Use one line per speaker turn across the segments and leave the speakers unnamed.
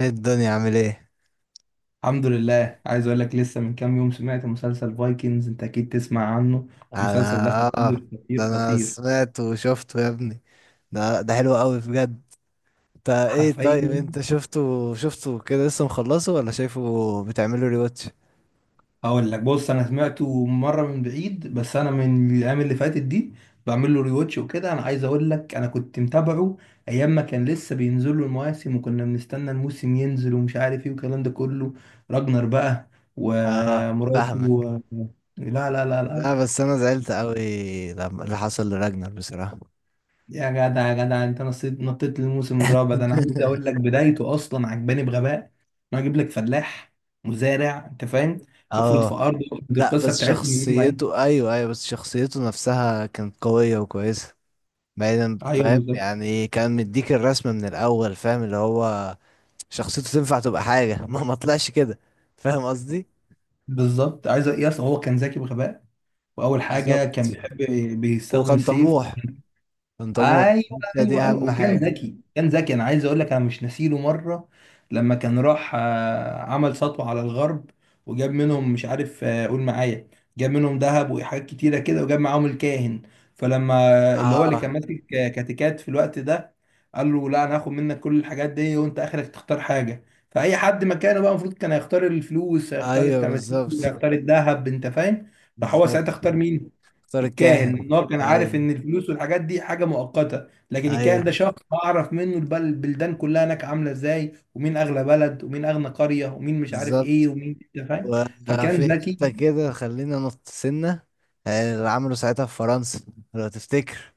ايه الدنيا عامل ايه؟
الحمد لله. عايز اقول لك لسه من كام يوم سمعت مسلسل فايكنجز، انت اكيد تسمع عنه. المسلسل ده
انا اه.
خطير
ده
خطير
انا
خطير.
سمعت وشفته يا ابني. ده حلو قوي بجد. انت ايه طيب،
حرفيا.
انت شفته، شفته كده لسه مخلصه ولا شايفه؟ بتعمله ريواتش؟
هقول لك، بص، انا سمعته مره من بعيد، بس انا من الايام اللي فاتت دي بعمل له ريواتش وكده. انا عايز اقول لك انا كنت متابعه ايام ما كان لسه بينزل له المواسم، وكنا بنستنى الموسم ينزل ومش عارف ايه والكلام ده كله. راجنر بقى
اه
ومراته
فاهمك.
و... لا لا لا لا.
لا بس انا زعلت قوي لما اللي حصل لراجنر بصراحة.
يا جدع يا جدع، انت نطيت للموسم الرابع. ده انا عايز اقول لك بدايته اصلا عجباني بغباء، انه اجيب لك فلاح، مزارع، انت فاهم؟ المفروض في
اه.
ارضه. دي
لا
القصه
بس
بتاعتهم ان هم ايه.
شخصيته، ايوه ايوه، بس شخصيته نفسها كانت قوية وكويسة، بعيدا
ايوه
فاهم،
بالظبط.
يعني كان مديك الرسمة من الاول فاهم اللي هو شخصيته تنفع تبقى حاجة. ما طلعش كده. فاهم قصدي.
بالظبط عايز يس، هو كان ذكي بغباء. واول حاجه كان
بالظبط.
بيحب بيستخدم
وكان
السيف.
طموح، كان طموح.
ايوه
ده دي
ايوه ايوه.
أهم
وكان
حاجة.
ذكي كان ذكي. انا عايز اقول لك انا مش ناسيله مره لما كان راح عمل سطوه على الغرب، وجاب منهم مش عارف قول معايا، جاب منهم ذهب وحاجات كتيره كده وجاب معاهم الكاهن. فلما اللي هو اللي
اه
كان ماسك كاتيكات في الوقت ده قال له لا، انا هاخد منك كل الحاجات دي وانت اخرك تختار حاجه. فاي حد مكانه بقى المفروض كان هيختار الفلوس، هيختار
ايوه
التماثيل،
بالظبط.
هيختار الذهب، انت فاهم. راح هو
بالظبط.
ساعتها اختار مين؟
اختار
الكاهن.
الكاهن.
النار، كان عارف
ايوه
ان الفلوس والحاجات دي حاجه مؤقته لكن الكاهن
ايوه
ده شخص اعرف منه البلدان كلها هناك عامله ازاي ومين اغلى بلد ومين اغنى قريه ومين مش عارف ايه
بالظبط.
ومين، انت فاهم.
وفي
فكان ذكي.
حتة كده خلينا نط سنة. اللي عملوا ساعتها في فرنسا، لو تفتكر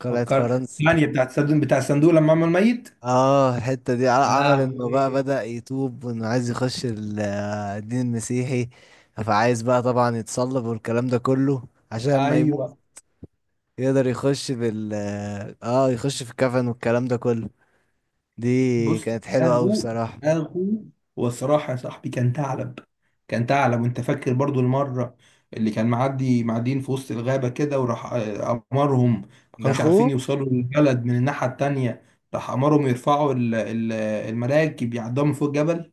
قلعة
فكر
فرنسا.
يعني بتاع الصندوق بتاع الصندوق لما عمل ميت.
اه الحتة دي
يا
عمل انه بقى
لهوي.
بدأ يتوب وانه عايز يخش الدين المسيحي. فعايز بقى طبعا يتصلب والكلام ده كله عشان ما يموت،
ايوه.
يقدر يخش بال اه آه، يخش في الكفن والكلام ده كله. دي
بص
كانت حلوة اوي
دماغه.
بصراحة.
دماغه. والصراحة يا صاحبي كان ثعلب. كان ثعلب. وانت فاكر برضو المرة اللي كان معدي معديين في وسط الغابة كده وراح أمرهم. ما
ده
كانوش عارفين
اخوه.
يوصلوا للبلد من الناحية التانية. راح أمرهم يرفعوا المراكب يعدوها من فوق الجبل.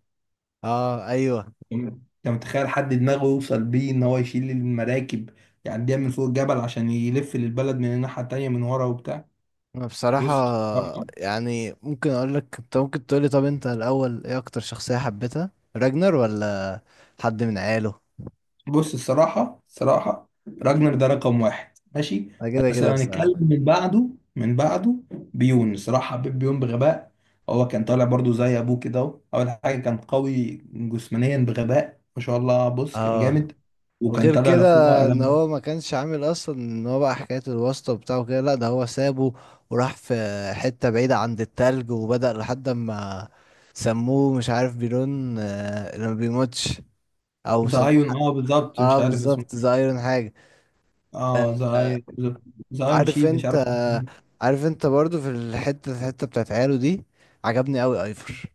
اه ايوه.
انت متخيل حد دماغه يوصل بيه ان هو يشيل المراكب يعديها من فوق الجبل عشان يلف للبلد من الناحية التانية من ورا وبتاع.
انا بصراحة
بص.
يعني ممكن اقول لك، انت ممكن تقولي، طب انت الاول ايه اكتر شخصية حبيتها، راجنر ولا حد من عياله؟
بص، الصراحة الصراحة، راجنر ده رقم واحد، ماشي.
انا كده
بس لو
كده بصراحة.
هنتكلم من بعده، من بعده بيون. الصراحة حبيت بيون بغباء. هو كان طالع برضو زي أبوه كده، أهو أول حاجة كان قوي جسمانيا بغباء ما شاء الله. بص كان
اه.
جامد. وكان
وغير
طالع
كده
لأخوه بقى.
ان هو ما كانش عامل اصلا ان هو بقى حكاية الواسطة بتاعه كده، لا ده هو سابه وراح في حتة بعيدة عند التلج وبدأ لحد ما سموه مش عارف بيرون، اللي ما بيموتش، او سموه
زايون، اه بالظبط، مش
اه
عارف اسمه.
بالظبط، ذا ايرون حاجة.
اه
آه.
زايون. زايون
عارف
شيل، مش
انت
عارف
آه.
اسمه.
عارف انت برضو في الحتة، الحتة بتاعت عياله دي، عجبني قوي ايفر،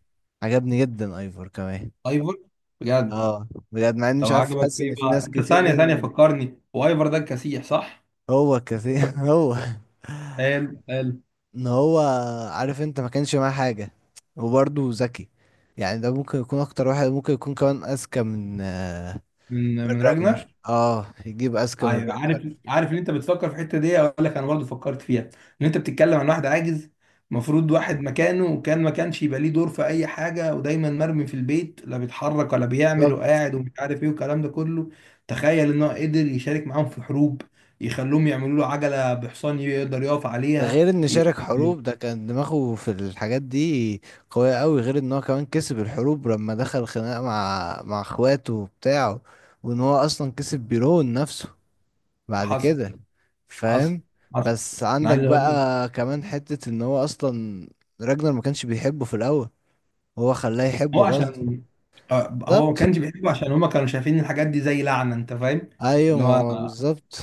عجبني جدا ايفر كمان.
ايفر. بجد.
اه بجد، مع اني
طب
مش عارف
عجبك
حاسس
ايه
ان في
بقى
ناس
انت؟
كتير.
ثانية ثانية، فكرني. وايفر ده الكسيح، صح؟
هو كثير. هو
حلو حلو.
ان هو عارف انت ما كانش معاه حاجة وبرضه ذكي. يعني ده ممكن يكون اكتر واحد، ممكن يكون كمان اذكى من
من
من
من راجنر.
راجنر. اه يجيب اذكى من
أيوة، عارف
راجنر.
عارف ان انت بتفكر في الحته دي. اقول لك انا برضو فكرت فيها ان انت بتتكلم عن واحد عاجز، المفروض واحد مكانه وكان ما كانش يبقى ليه دور في اي حاجه، ودايما مرمي في البيت، لا بيتحرك ولا بيعمل،
بالظبط.
وقاعد ومش عارف ايه والكلام ده كله. تخيل ان هو قدر يشارك معاهم في حروب. يخلوهم يعملوا له عجله بحصان يقدر يقف
ده
عليها.
غير ان
ي-
شارك
ي-
حروب، ده كان دماغه في الحاجات دي قوية قوي، غير ان هو كمان كسب الحروب لما دخل خناقة مع اخواته وبتاعه، وان هو اصلا كسب بيرون نفسه بعد
حصل.
كده.
حصل.
فاهم.
حصل.
بس
انا
عندك
عايز اقول لك،
بقى كمان حتة ان هو اصلا راجنر ما كانش بيحبه في الاول، هو خلاه يحبه
هو
غصب.
عشان هو ما
بالظبط.
كانش بيحبه عشان هما كانوا شايفين الحاجات دي زي لعنه، انت فاهم.
ايوه
اللي هو،
ماما بالظبط.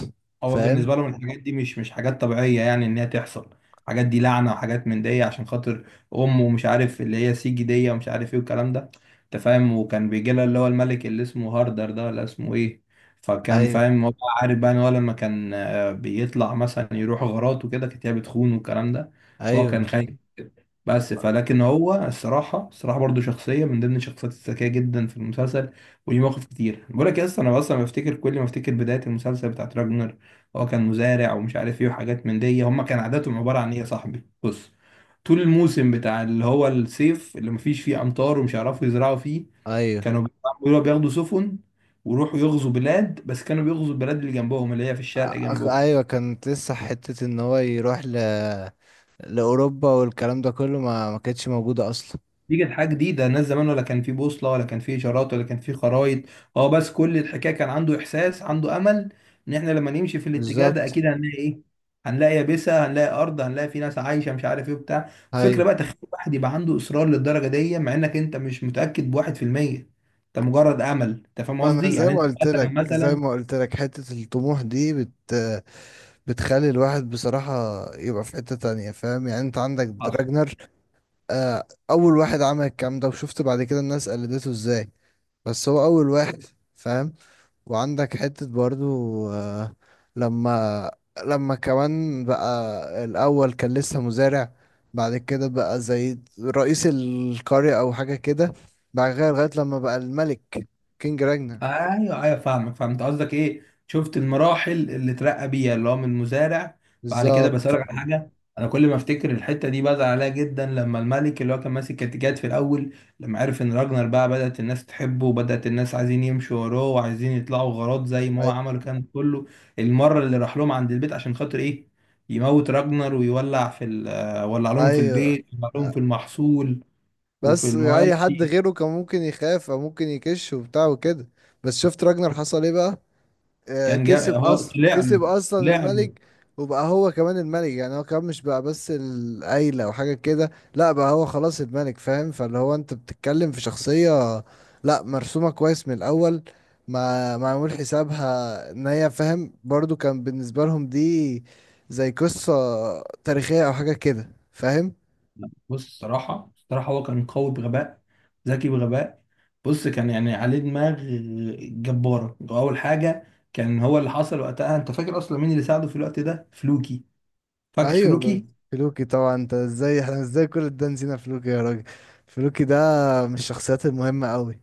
هو
فاهم.
بالنسبة لهم الحاجات دي مش حاجات طبيعية يعني إن هي تحصل. الحاجات دي لعنة وحاجات من دي عشان خاطر أم ومش عارف اللي هي سيجي دي ومش عارف إيه والكلام ده أنت فاهم. وكان بيجي لها اللي هو الملك اللي اسمه هاردر ده ولا اسمه إيه. فكان
ايوه
فاهم هو، عارف بقى إن هو لما كان بيطلع مثلا يروح غارات وكده كانت هي بتخون والكلام ده. فهو
ايوه
كان
بالظبط.
خايف. بس فلكن هو الصراحة الصراحة برضو شخصية من ضمن الشخصيات الذكية جدا في المسلسل. وليه مواقف كتير. بقول لك يا اسطى، انا اصلا بفتكر كل ما افتكر بداية المسلسل بتاعت راجنر، هو كان مزارع ومش عارف ايه وحاجات من دي. هما كان عاداتهم عبارة عن ايه يا صاحبي؟ بص، طول الموسم بتاع اللي هو الصيف اللي مفيش فيه امطار ومش هيعرفوا يزرعوا فيه
ايوه.
كانوا بياخدوا سفن ويروحوا يغزوا بلاد. بس كانوا بيغزوا البلاد اللي جنبهم، اللي هي في الشرق
أخ...
جنبهم.
ايوه كانت لسه حتة ان هو يروح ل... لاوروبا والكلام ده كله ما كانتش موجودة اصلا.
دي كانت حاجة جديدة. الناس زمان ولا كان في بوصلة ولا كان في إشارات ولا كان في خرايط. هو بس كل الحكاية كان عنده إحساس، عنده أمل، إن إحنا لما نمشي في الاتجاه ده
بالظبط.
أكيد هنلاقي إيه، هنلاقي يابسة، هنلاقي أرض، هنلاقي في ناس عايشة مش عارف إيه بتاع. الفكرة
ايوه.
بقى، تخيل واحد يبقى عنده إصرار للدرجة دي مع إنك أنت مش متأكد بواحد في المية. أنت مجرد أمل. أنت فاهم
ما انا
قصدي،
زي
يعني
ما قلت
أنت
لك، زي ما
مثلا.
قلت لك حتة الطموح دي بت، بتخلي الواحد بصراحة يبقى في حتة تانية. فاهم يعني؟ انت عندك
مثلا.
راجنر اول واحد عمل الكلام ده، وشفت بعد كده الناس قلدته ازاي، بس هو اول واحد. فاهم. وعندك حتة برضو، آه، لما لما كمان بقى الأول كان لسه مزارع، بعد كده بقى زي رئيس القرية أو حاجة كده، بعد كده لغاية لما بقى الملك، كينج راجنا.
ايوه ايوه فاهمك، فهمت قصدك. ايه، شفت المراحل اللي اترقى بيها اللي هو من مزارع. بعد كده بس
بالظبط.
أقولك على حاجه. انا كل ما افتكر الحته دي بزعل عليها جدا. لما الملك اللي هو كان ماسك كاتيجات في الاول لما عرف ان راجنر بقى بدات الناس تحبه وبدات الناس عايزين يمشوا وراه وعايزين يطلعوا غارات زي ما هو
أي-
عمل كان كله. المره اللي راح لهم عند البيت عشان خاطر ايه؟ يموت راجنر ويولع في ولع لهم في
أيوه.
البيت، ولع لهم في المحصول وفي
بس أي حد
المواشي.
غيره كان ممكن يخاف أو ممكن يكش وبتاع وكده، بس شفت راجنر حصل ايه بقى؟
كان
كسب
هو
اصلا،
طلع له،
كسب اصلا
طلع له.
الملك. وبقى هو كمان الملك، يعني هو كمان مش بقى بس العيلة او حاجة كده، لا بقى هو خلاص الملك. فاهم؟ فاللي هو انت بتتكلم في شخصية لا مرسومة كويس من الاول، ما معمول حسابها ان هي، فاهم، برضو كان بالنسبة لهم دي زي قصة تاريخية او حاجة كده. فاهم.
بص الصراحة الصراحة هو كان قوي بغباء، ذكي بغباء. بص كان يعني عليه دماغ جبارة. أول حاجة كان هو اللي حصل وقتها. أنت فاكر أصلا مين اللي ساعده في الوقت ده؟ فلوكي. فاكر
ايوه
فلوكي؟
فلوكي طبعا، انت ازاي، احنا ازاي كل ده نسينا فلوكي يا راجل. فلوكي ده من الشخصيات المهمة قوي.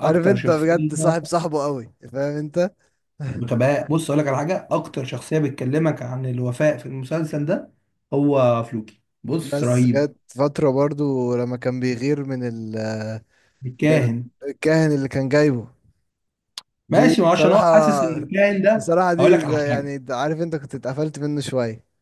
عارف انت
شخصية
بجد، صاحب، صاحبه قوي، فاهم انت.
بغباء. بص أقول لك على حاجة، أكتر شخصية بتكلمك عن الوفاء في المسلسل ده هو فلوكي. بص
بس
رهيب.
جت فترة برضو لما كان بيغير من ال، من
الكاهن.
الكاهن اللي كان جايبه، دي
ماشي، ما عشان هو
بصراحة.
حاسس إن الكاهن ده،
بصراحة
هقول لك
دي
على
زي،
حاجة.
يعني ده عارف انت كنت اتقفلت منه شوية.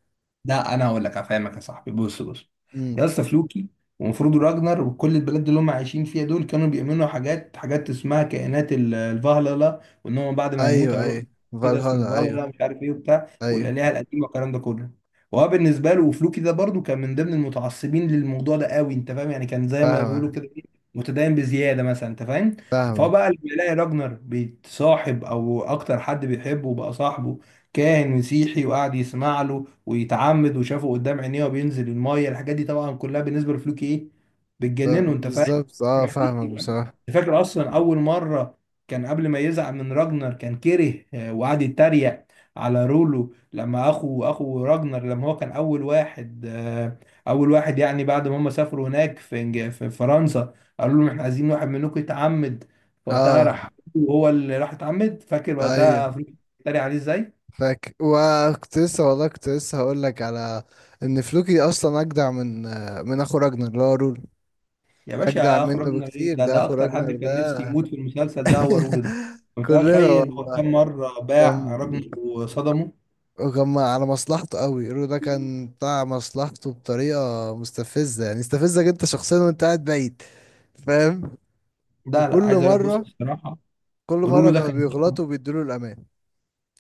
لا انا هقول لك افهمك يا صاحبي. بص بص،
امم.
يا اسطى، فلوكي ومفروض راجنر وكل البلاد اللي هم عايشين فيها دول كانوا بيؤمنوا حاجات، حاجات اسمها كائنات الفهلله، وان هم بعد ما يموت
ايوه
هيروح
ايوه.
كده. اسمه
فالهالا ايوه.
الفهلله مش عارف ايه وبتاع،
ايوه
والالهه القديمه والكلام ده كله. وهو بالنسبه له، وفلوكي ده برضو كان من ضمن المتعصبين للموضوع ده قوي، انت فاهم، يعني كان زي ما
فاهمة.
بيقولوا كده متدين بزياده مثلا، انت فاهم. فهو
فاهمة.
بقى لما يلاقي راجنر بيتصاحب او اكتر حد بيحبه بقى صاحبه كاهن مسيحي وقعد يسمع له ويتعمد وشافه قدام عينيه وبينزل المايه، الحاجات دي طبعا كلها بالنسبه لفلوكي ايه، بتجننه، انت فاهم.
بالظبط اه
الحاجات
فاهمك
دي
بصراحة.
أنت فاكر اصلا اول مره كان قبل ما يزعل من راجنر كان كره وقعد يتريق على رولو. لما اخو راجنر لما هو كان اول واحد اول واحد، يعني بعد ما هم سافروا هناك في في فرنسا، قالوا لهم احنا عايزين واحد منكم يتعمد. فوقتها
اه
راح هو اللي راح اتعمد، فاكر
ايوه
وقتها افريقيا اتريق عليه ازاي.
فاكر. وكنت لسه والله كنت لسه هقول لك على ان فلوكي اصلا اجدع من، من اخو راجنر اللي هو رول.
يا
اجدع
باشا
منه
اخرجنا ليه؟
بكتير
ده
ده، اخو
اكتر حد
راجنر
كان نفسي
ده.
يموت في المسلسل ده هو رولد.
كلنا
متخيل هو
والله.
كم مره باع
كان،
ابنه وصدمه؟
وكان على مصلحته قوي، رو ده كان بتاع مصلحته بطريقة مستفزة، يعني يستفزك انت شخصيا وانت قاعد بعيد. فاهم.
ده لا
وكل
عايز اقول لك، بص
مرة،
الصراحه
كل مرة
رولو ده
كانوا
كان صعب.
بيغلطوا وبيدوا له الامان.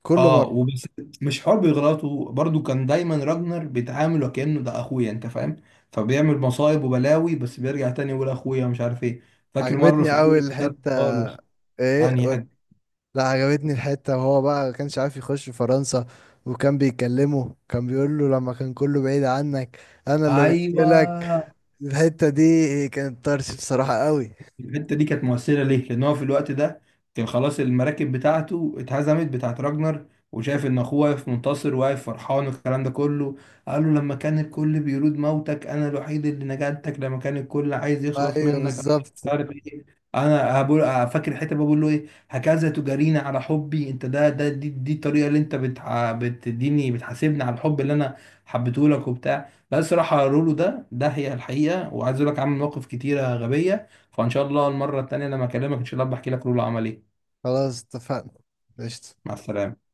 كل
اه،
مرة.
وبس. مش حوار بيغلطه، برضو كان دايما راجنر بيتعامل وكانه ده اخويا، انت فاهم، فبيعمل مصايب وبلاوي بس بيرجع تاني يقول اخويا مش عارف ايه. فاكر مره في
عجبتني
اول
قوي
المسلسل
الحتة.
خالص.
ايه؟
انهي حته؟
لا عجبتني الحتة وهو بقى ما كانش عارف يخش فرنسا، وكان بيكلمه كان بيقول له لما كان كله بعيد عنك، انا اللي قلت لك.
ايوه.
الحتة دي كانت طرش بصراحة قوي.
الحته دي كانت مؤثره ليه؟ لان هو في الوقت ده كان خلاص المراكب بتاعته اتهزمت، بتاعت راجنر، وشايف ان اخوه واقف منتصر، واقف فرحان والكلام ده كله. قال له لما كان الكل بيرود موتك انا الوحيد اللي نجاتك، لما كان الكل عايز يخلص
ايوه
منك انا مش
بالظبط.
عارف ايه. انا هبقول. فاكر الحته بقول له ايه؟ هكذا تجاريني على حبي انت؟ ده ده دي، الطريقه اللي انت بتديني، بتحاسبني على الحب اللي انا حبيته لك وبتاع. لا الصراحه رولو ده، ده هي الحقيقه، وعايز اقول لك عامل مواقف كتيره غبيه. فان شاء الله المره التانيه لما اكلمك ان شاء الله بحكي لك لولا عمل ايه.
خلاص اتفقنا. قشطة.
مع السلامه.